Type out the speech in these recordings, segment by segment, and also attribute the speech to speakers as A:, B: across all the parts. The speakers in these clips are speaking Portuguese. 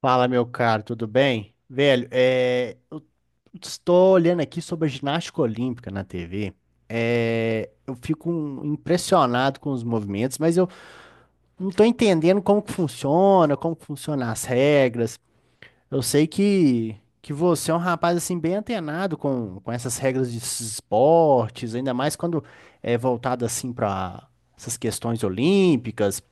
A: Fala, meu caro, tudo bem? Velho, eu estou olhando aqui sobre a ginástica olímpica na TV. É, eu fico impressionado com os movimentos, mas eu não estou entendendo como que funciona, como que funcionam as regras. Eu sei que você é um rapaz assim bem antenado com essas regras de esportes, ainda mais quando é voltado assim para essas questões olímpicas.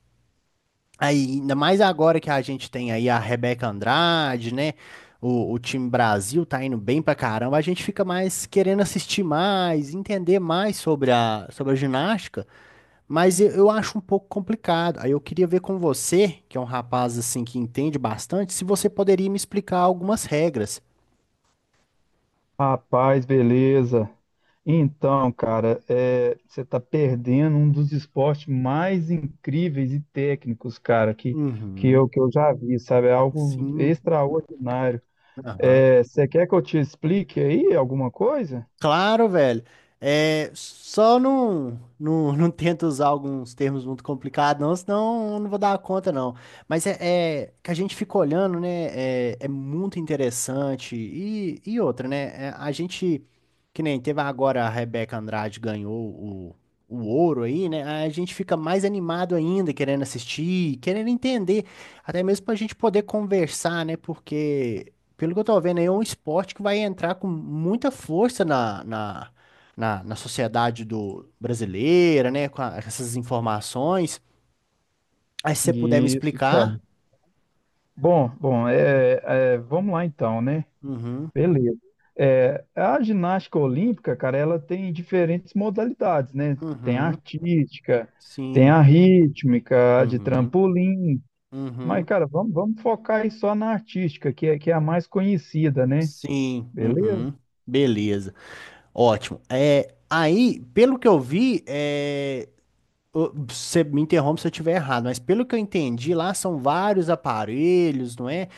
A: Aí, ainda mais agora que a gente tem aí a Rebeca Andrade, né? O time Brasil tá indo bem pra caramba. A gente fica mais querendo assistir mais, entender mais sobre sobre a ginástica, mas eu acho um pouco complicado. Aí eu queria ver com você, que é um rapaz assim que entende bastante, se você poderia me explicar algumas regras.
B: Rapaz, beleza. Então, cara, você tá perdendo um dos esportes mais incríveis e técnicos, cara,
A: Uhum,
B: que eu já vi, sabe? É algo
A: sim,
B: extraordinário.
A: aham.
B: Você quer que eu te explique aí alguma coisa?
A: Claro, velho. É, só não, não tenta usar alguns termos muito complicados, não, senão eu não vou dar conta, não. Mas é que a gente fica olhando, né? É, é muito interessante. E outra, né? É, a gente, que nem teve agora a Rebeca Andrade ganhou o ouro aí, né? A gente fica mais animado ainda, querendo assistir, querendo entender, até mesmo pra gente poder conversar, né? Porque pelo que eu tô vendo aí, é um esporte que vai entrar com muita força na sociedade do brasileira, né? Com essas informações. Aí se você puder me
B: Isso, cara.
A: explicar.
B: Vamos lá então, né?
A: Uhum,
B: Beleza. É, a ginástica olímpica, cara, ela tem diferentes modalidades, né? Tem a
A: uhum,
B: artística, tem
A: sim,
B: a rítmica, a de
A: uhum,
B: trampolim. Mas,
A: uhum,
B: cara, vamos focar aí só na artística, que é a mais conhecida, né?
A: sim,
B: Beleza?
A: uhum. Beleza, ótimo. É, aí, pelo que eu vi, é, ô, você me interrompe se eu estiver errado, mas pelo que eu entendi, lá são vários aparelhos, não é?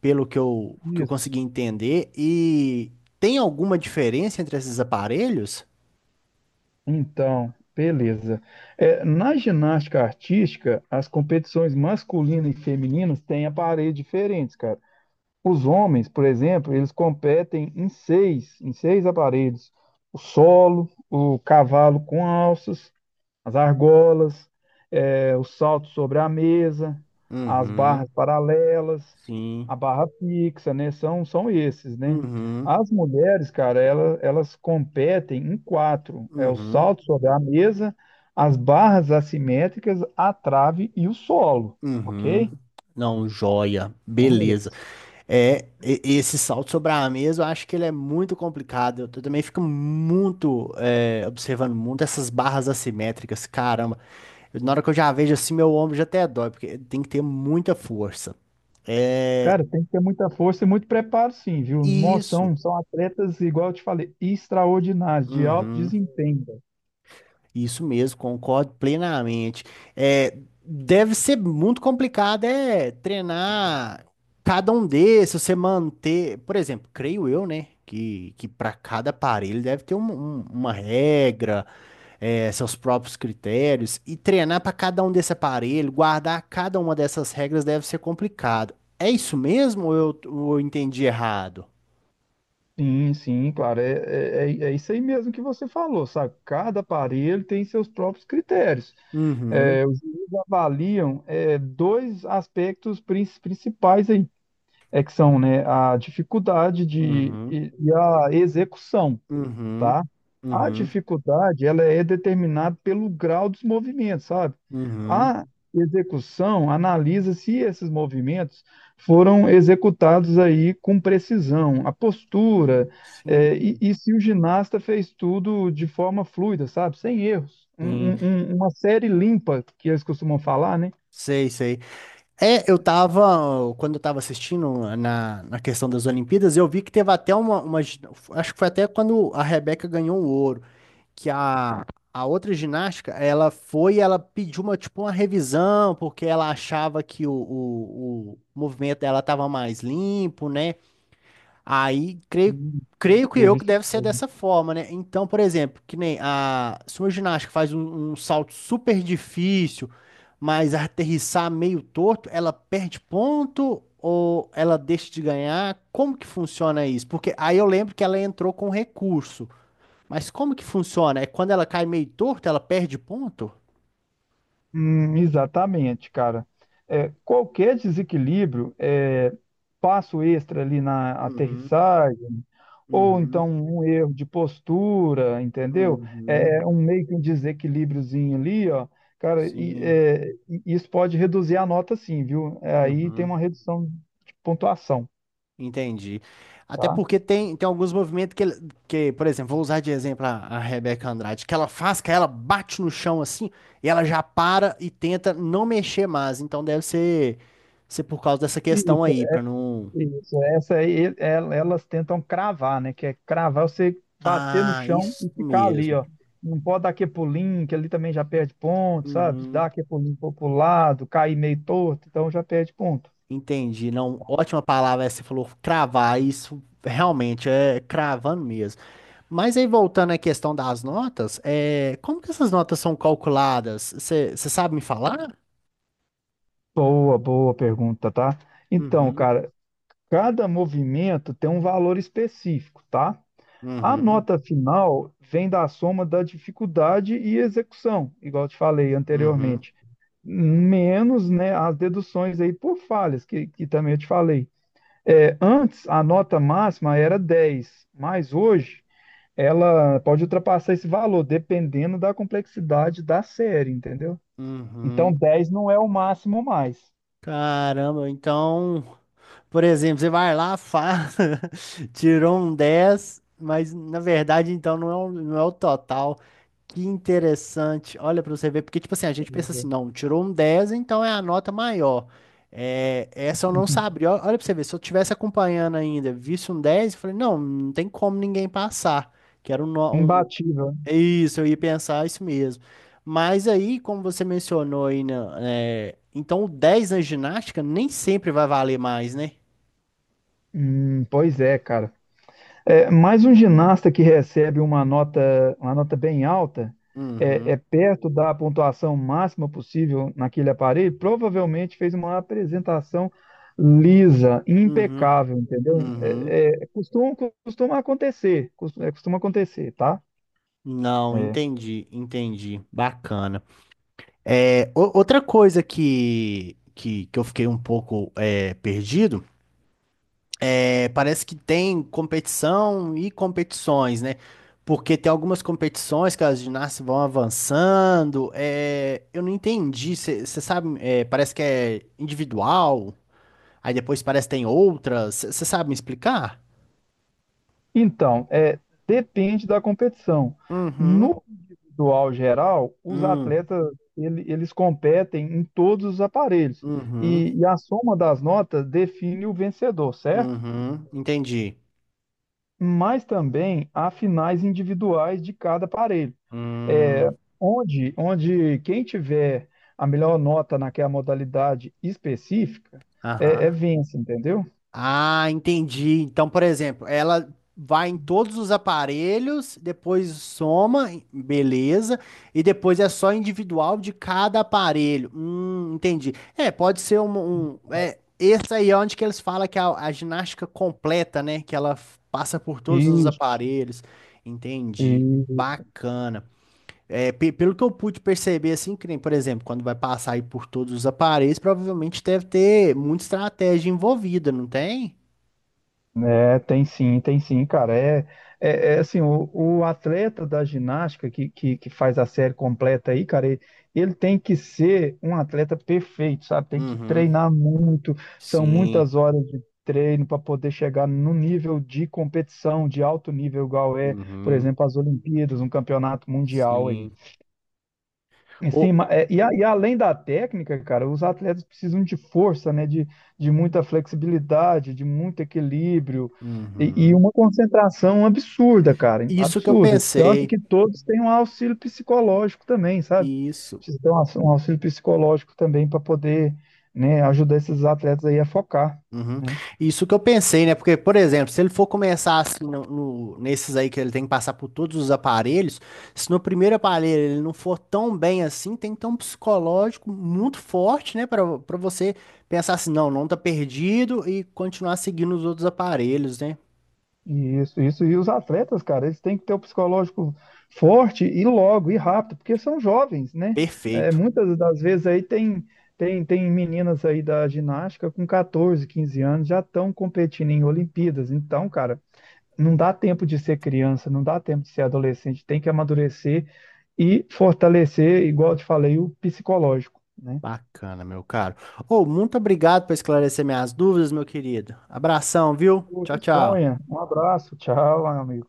A: Pelo que que eu
B: Isso.
A: consegui entender. E tem alguma diferença entre esses aparelhos?
B: Então, beleza. É, na ginástica artística, as competições masculinas e femininas têm aparelhos diferentes, cara. Os homens, por exemplo, eles competem em seis aparelhos: o solo, o cavalo com alças, as argolas, o salto sobre a mesa, as
A: Uhum,
B: barras paralelas,
A: sim.
B: a barra fixa, né? São esses, né?
A: Uhum,
B: As mulheres, cara, elas competem em quatro: é o
A: uhum,
B: salto sobre a mesa, as barras assimétricas, a trave e o solo,
A: uhum.
B: ok?
A: Não, joia.
B: Então,
A: Beleza. É, esse salto sobre a mesa, eu acho que ele é muito complicado. Eu também fico muito, é, observando muito essas barras assimétricas, caramba. Na hora que eu já vejo assim, meu ombro já até dói, porque tem que ter muita força. É
B: cara, tem que ter muita força e muito preparo, sim, viu? Nossa,
A: isso.
B: são atletas, igual eu te falei, extraordinários, de alto
A: Uhum.
B: desempenho, velho.
A: Isso mesmo, concordo plenamente. É, deve ser muito complicado é treinar cada um desses, você manter, por exemplo, creio eu, né, que para cada aparelho deve ter uma regra, é, seus próprios critérios e treinar para cada um desse aparelho, guardar cada uma dessas regras deve ser complicado. É isso mesmo ou ou eu entendi errado?
B: Sim, sim, claro. É isso aí mesmo que você falou, sabe? Cada aparelho tem seus próprios critérios.
A: Uhum,
B: É, os juízes avaliam, é, dois aspectos principais aí, é que são, né, a dificuldade
A: uhum,
B: e a execução,
A: uhum,
B: tá? A
A: uhum,
B: dificuldade, ela é determinada pelo grau dos movimentos, sabe?
A: uhum.
B: A execução analisa se esses movimentos foram executados aí com precisão, a postura,
A: Sim,
B: e se o ginasta fez tudo de forma fluida, sabe? Sem erros.
A: sim,
B: Uma série limpa, que eles costumam falar, né?
A: sei, sei. Eu tava, quando eu tava assistindo na questão das Olimpíadas, eu vi que teve até uma, acho que foi até quando a Rebeca ganhou o ouro, que a outra ginástica, ela foi, ela pediu uma, tipo, uma revisão, porque ela achava que o movimento dela estava mais limpo, né? Aí,
B: Hum,
A: creio que eu
B: teve
A: que
B: isso.
A: deve ser dessa forma, né? Então, por exemplo, que nem a, se uma ginástica faz um salto super difícil, mas aterrissar meio torto, ela perde ponto ou ela deixa de ganhar? Como que funciona isso? Porque aí eu lembro que ela entrou com recurso. Mas como que funciona? É quando ela cai meio torta, ela perde ponto?
B: Exatamente, cara. É, qualquer desequilíbrio, é, passo extra ali na
A: Uhum,
B: aterrissagem, ou
A: uhum,
B: então um erro de postura, entendeu?
A: uhum,
B: É um meio que um desequilíbriozinho ali, ó, cara,
A: sim.
B: e isso pode reduzir a nota, sim, viu? É, aí tem
A: Uhum.
B: uma redução de pontuação,
A: Entendi. Até
B: tá?
A: porque tem alguns movimentos que, por exemplo, vou usar de exemplo a Rebeca Andrade, que ela faz, que ela bate no chão assim, e ela já para e tenta não mexer mais. Então deve ser por causa dessa questão aí, pra não.
B: Isso, essa aí, elas tentam cravar, né? Que é cravar, você bater no
A: Ah,
B: chão
A: isso
B: e ficar ali,
A: mesmo.
B: ó. Não pode dar aquele pulinho, que ali também já perde ponto, sabe? Dar aquele pulinho pro lado, cair meio torto, então já perde ponto.
A: Entendi, não, ótima palavra essa, que você falou cravar, isso realmente é cravando mesmo. Mas aí voltando à questão das notas, é, como que essas notas são calculadas? Você sabe me falar?
B: Boa, boa pergunta, tá? Então,
A: Uhum,
B: cara, cada movimento tem um valor específico, tá? A
A: uhum,
B: nota final vem da soma da dificuldade e execução, igual eu te falei
A: uhum,
B: anteriormente, menos, né, as deduções aí por falhas, que também eu te falei. É, antes, a nota máxima era 10, mas hoje ela pode ultrapassar esse valor, dependendo da complexidade da série, entendeu? Então,
A: uhum.
B: 10 não é o máximo mais.
A: Caramba, então, por exemplo, você vai lá, faz, tirou um 10, mas na verdade então não é, não é o total. Que interessante. Olha pra você ver, porque tipo assim, a gente pensa
B: Pois
A: assim,
B: é.
A: não, tirou um 10 então é a nota maior. É, essa eu não sabia. Olha pra você ver, se eu tivesse acompanhando ainda, visse um 10 eu falei, não, não tem como ninguém passar. Que era um-
B: Imbatível, né?
A: Isso, eu ia pensar isso mesmo. Mas aí, como você mencionou aí, né, é, então o dez na ginástica nem sempre vai valer mais, né?
B: Pois é, cara. É, mais um ginasta que recebe uma nota bem alta, é,
A: Uhum,
B: é perto da pontuação máxima possível naquele aparelho, provavelmente fez uma apresentação lisa,
A: uhum,
B: impecável, entendeu?
A: uhum.
B: Costuma, costuma acontecer, costuma acontecer, tá?
A: Não,
B: É.
A: entendi, entendi. Bacana. É, outra coisa que eu fiquei um pouco é, perdido é parece que tem competição e competições, né? Porque tem algumas competições que as ginastas vão avançando. É, eu não entendi. Você sabe, é, parece que é individual, aí depois parece que tem outras. Você sabe me explicar?
B: Então, é, depende da competição.
A: Uhum,
B: No individual geral, os
A: hum,
B: atletas eles competem em todos os aparelhos
A: uhum,
B: e a soma das notas define o vencedor, certo?
A: uhum, entendi.
B: Mas também há finais individuais de cada aparelho, é,
A: Hum,
B: onde quem tiver a melhor nota naquela modalidade específica é
A: aham.
B: vence, entendeu?
A: Ah, entendi. Então, por exemplo, ela vai em todos os aparelhos, depois soma, beleza, e depois é só individual de cada aparelho. Entendi. É, pode ser é, esse aí é onde que eles falam que é a ginástica completa, né? Que ela passa por todos os
B: Isso,
A: aparelhos. Entendi.
B: isso.
A: Bacana. É, pelo que eu pude perceber, assim, que nem, por exemplo, quando vai passar aí por todos os aparelhos, provavelmente deve ter muita estratégia envolvida, não tem?
B: É, tem sim, cara. É assim, o atleta da ginástica que faz a série completa aí, cara, ele tem que ser um atleta perfeito, sabe? Tem que
A: Uhum.
B: treinar muito, são
A: Sim.
B: muitas horas de treino para poder chegar no nível de competição, de alto nível, igual é, por
A: Uhum.
B: exemplo, as Olimpíadas, um campeonato mundial aí.
A: Sim.
B: Em
A: O...
B: cima, e além da técnica, cara, os atletas precisam de força, né? De muita flexibilidade, de muito equilíbrio e
A: Uhum.
B: uma concentração absurda, cara,
A: Isso que eu
B: absurda. Tanto
A: pensei.
B: que todos têm um auxílio psicológico também, sabe?
A: Isso.
B: Precisa ter um um auxílio psicológico também para poder, né, ajudar esses atletas aí a focar,
A: Uhum.
B: né?
A: Isso que eu pensei, né? Porque, por exemplo, se ele for começar assim nesses aí que ele tem que passar por todos os aparelhos, se no primeiro aparelho ele não for tão bem assim, tem que ter um psicológico muito forte, né? Para você pensar assim, não, não tá perdido e continuar seguindo os outros aparelhos, né?
B: Isso, isso. E os atletas, cara, eles têm que ter o psicológico forte e logo, e rápido, porque são jovens, né? É,
A: Perfeito.
B: muitas das vezes aí tem meninas aí da ginástica com 14, 15 anos, já estão competindo em Olimpíadas. Então, cara, não dá tempo de ser criança, não dá tempo de ser adolescente, tem que amadurecer e fortalecer, igual eu te falei, o psicológico, né?
A: Bacana, meu caro. Ô, muito obrigado por esclarecer minhas dúvidas, meu querido. Abração, viu? Tchau, tchau.
B: Disponha. Um abraço, tchau, amigo.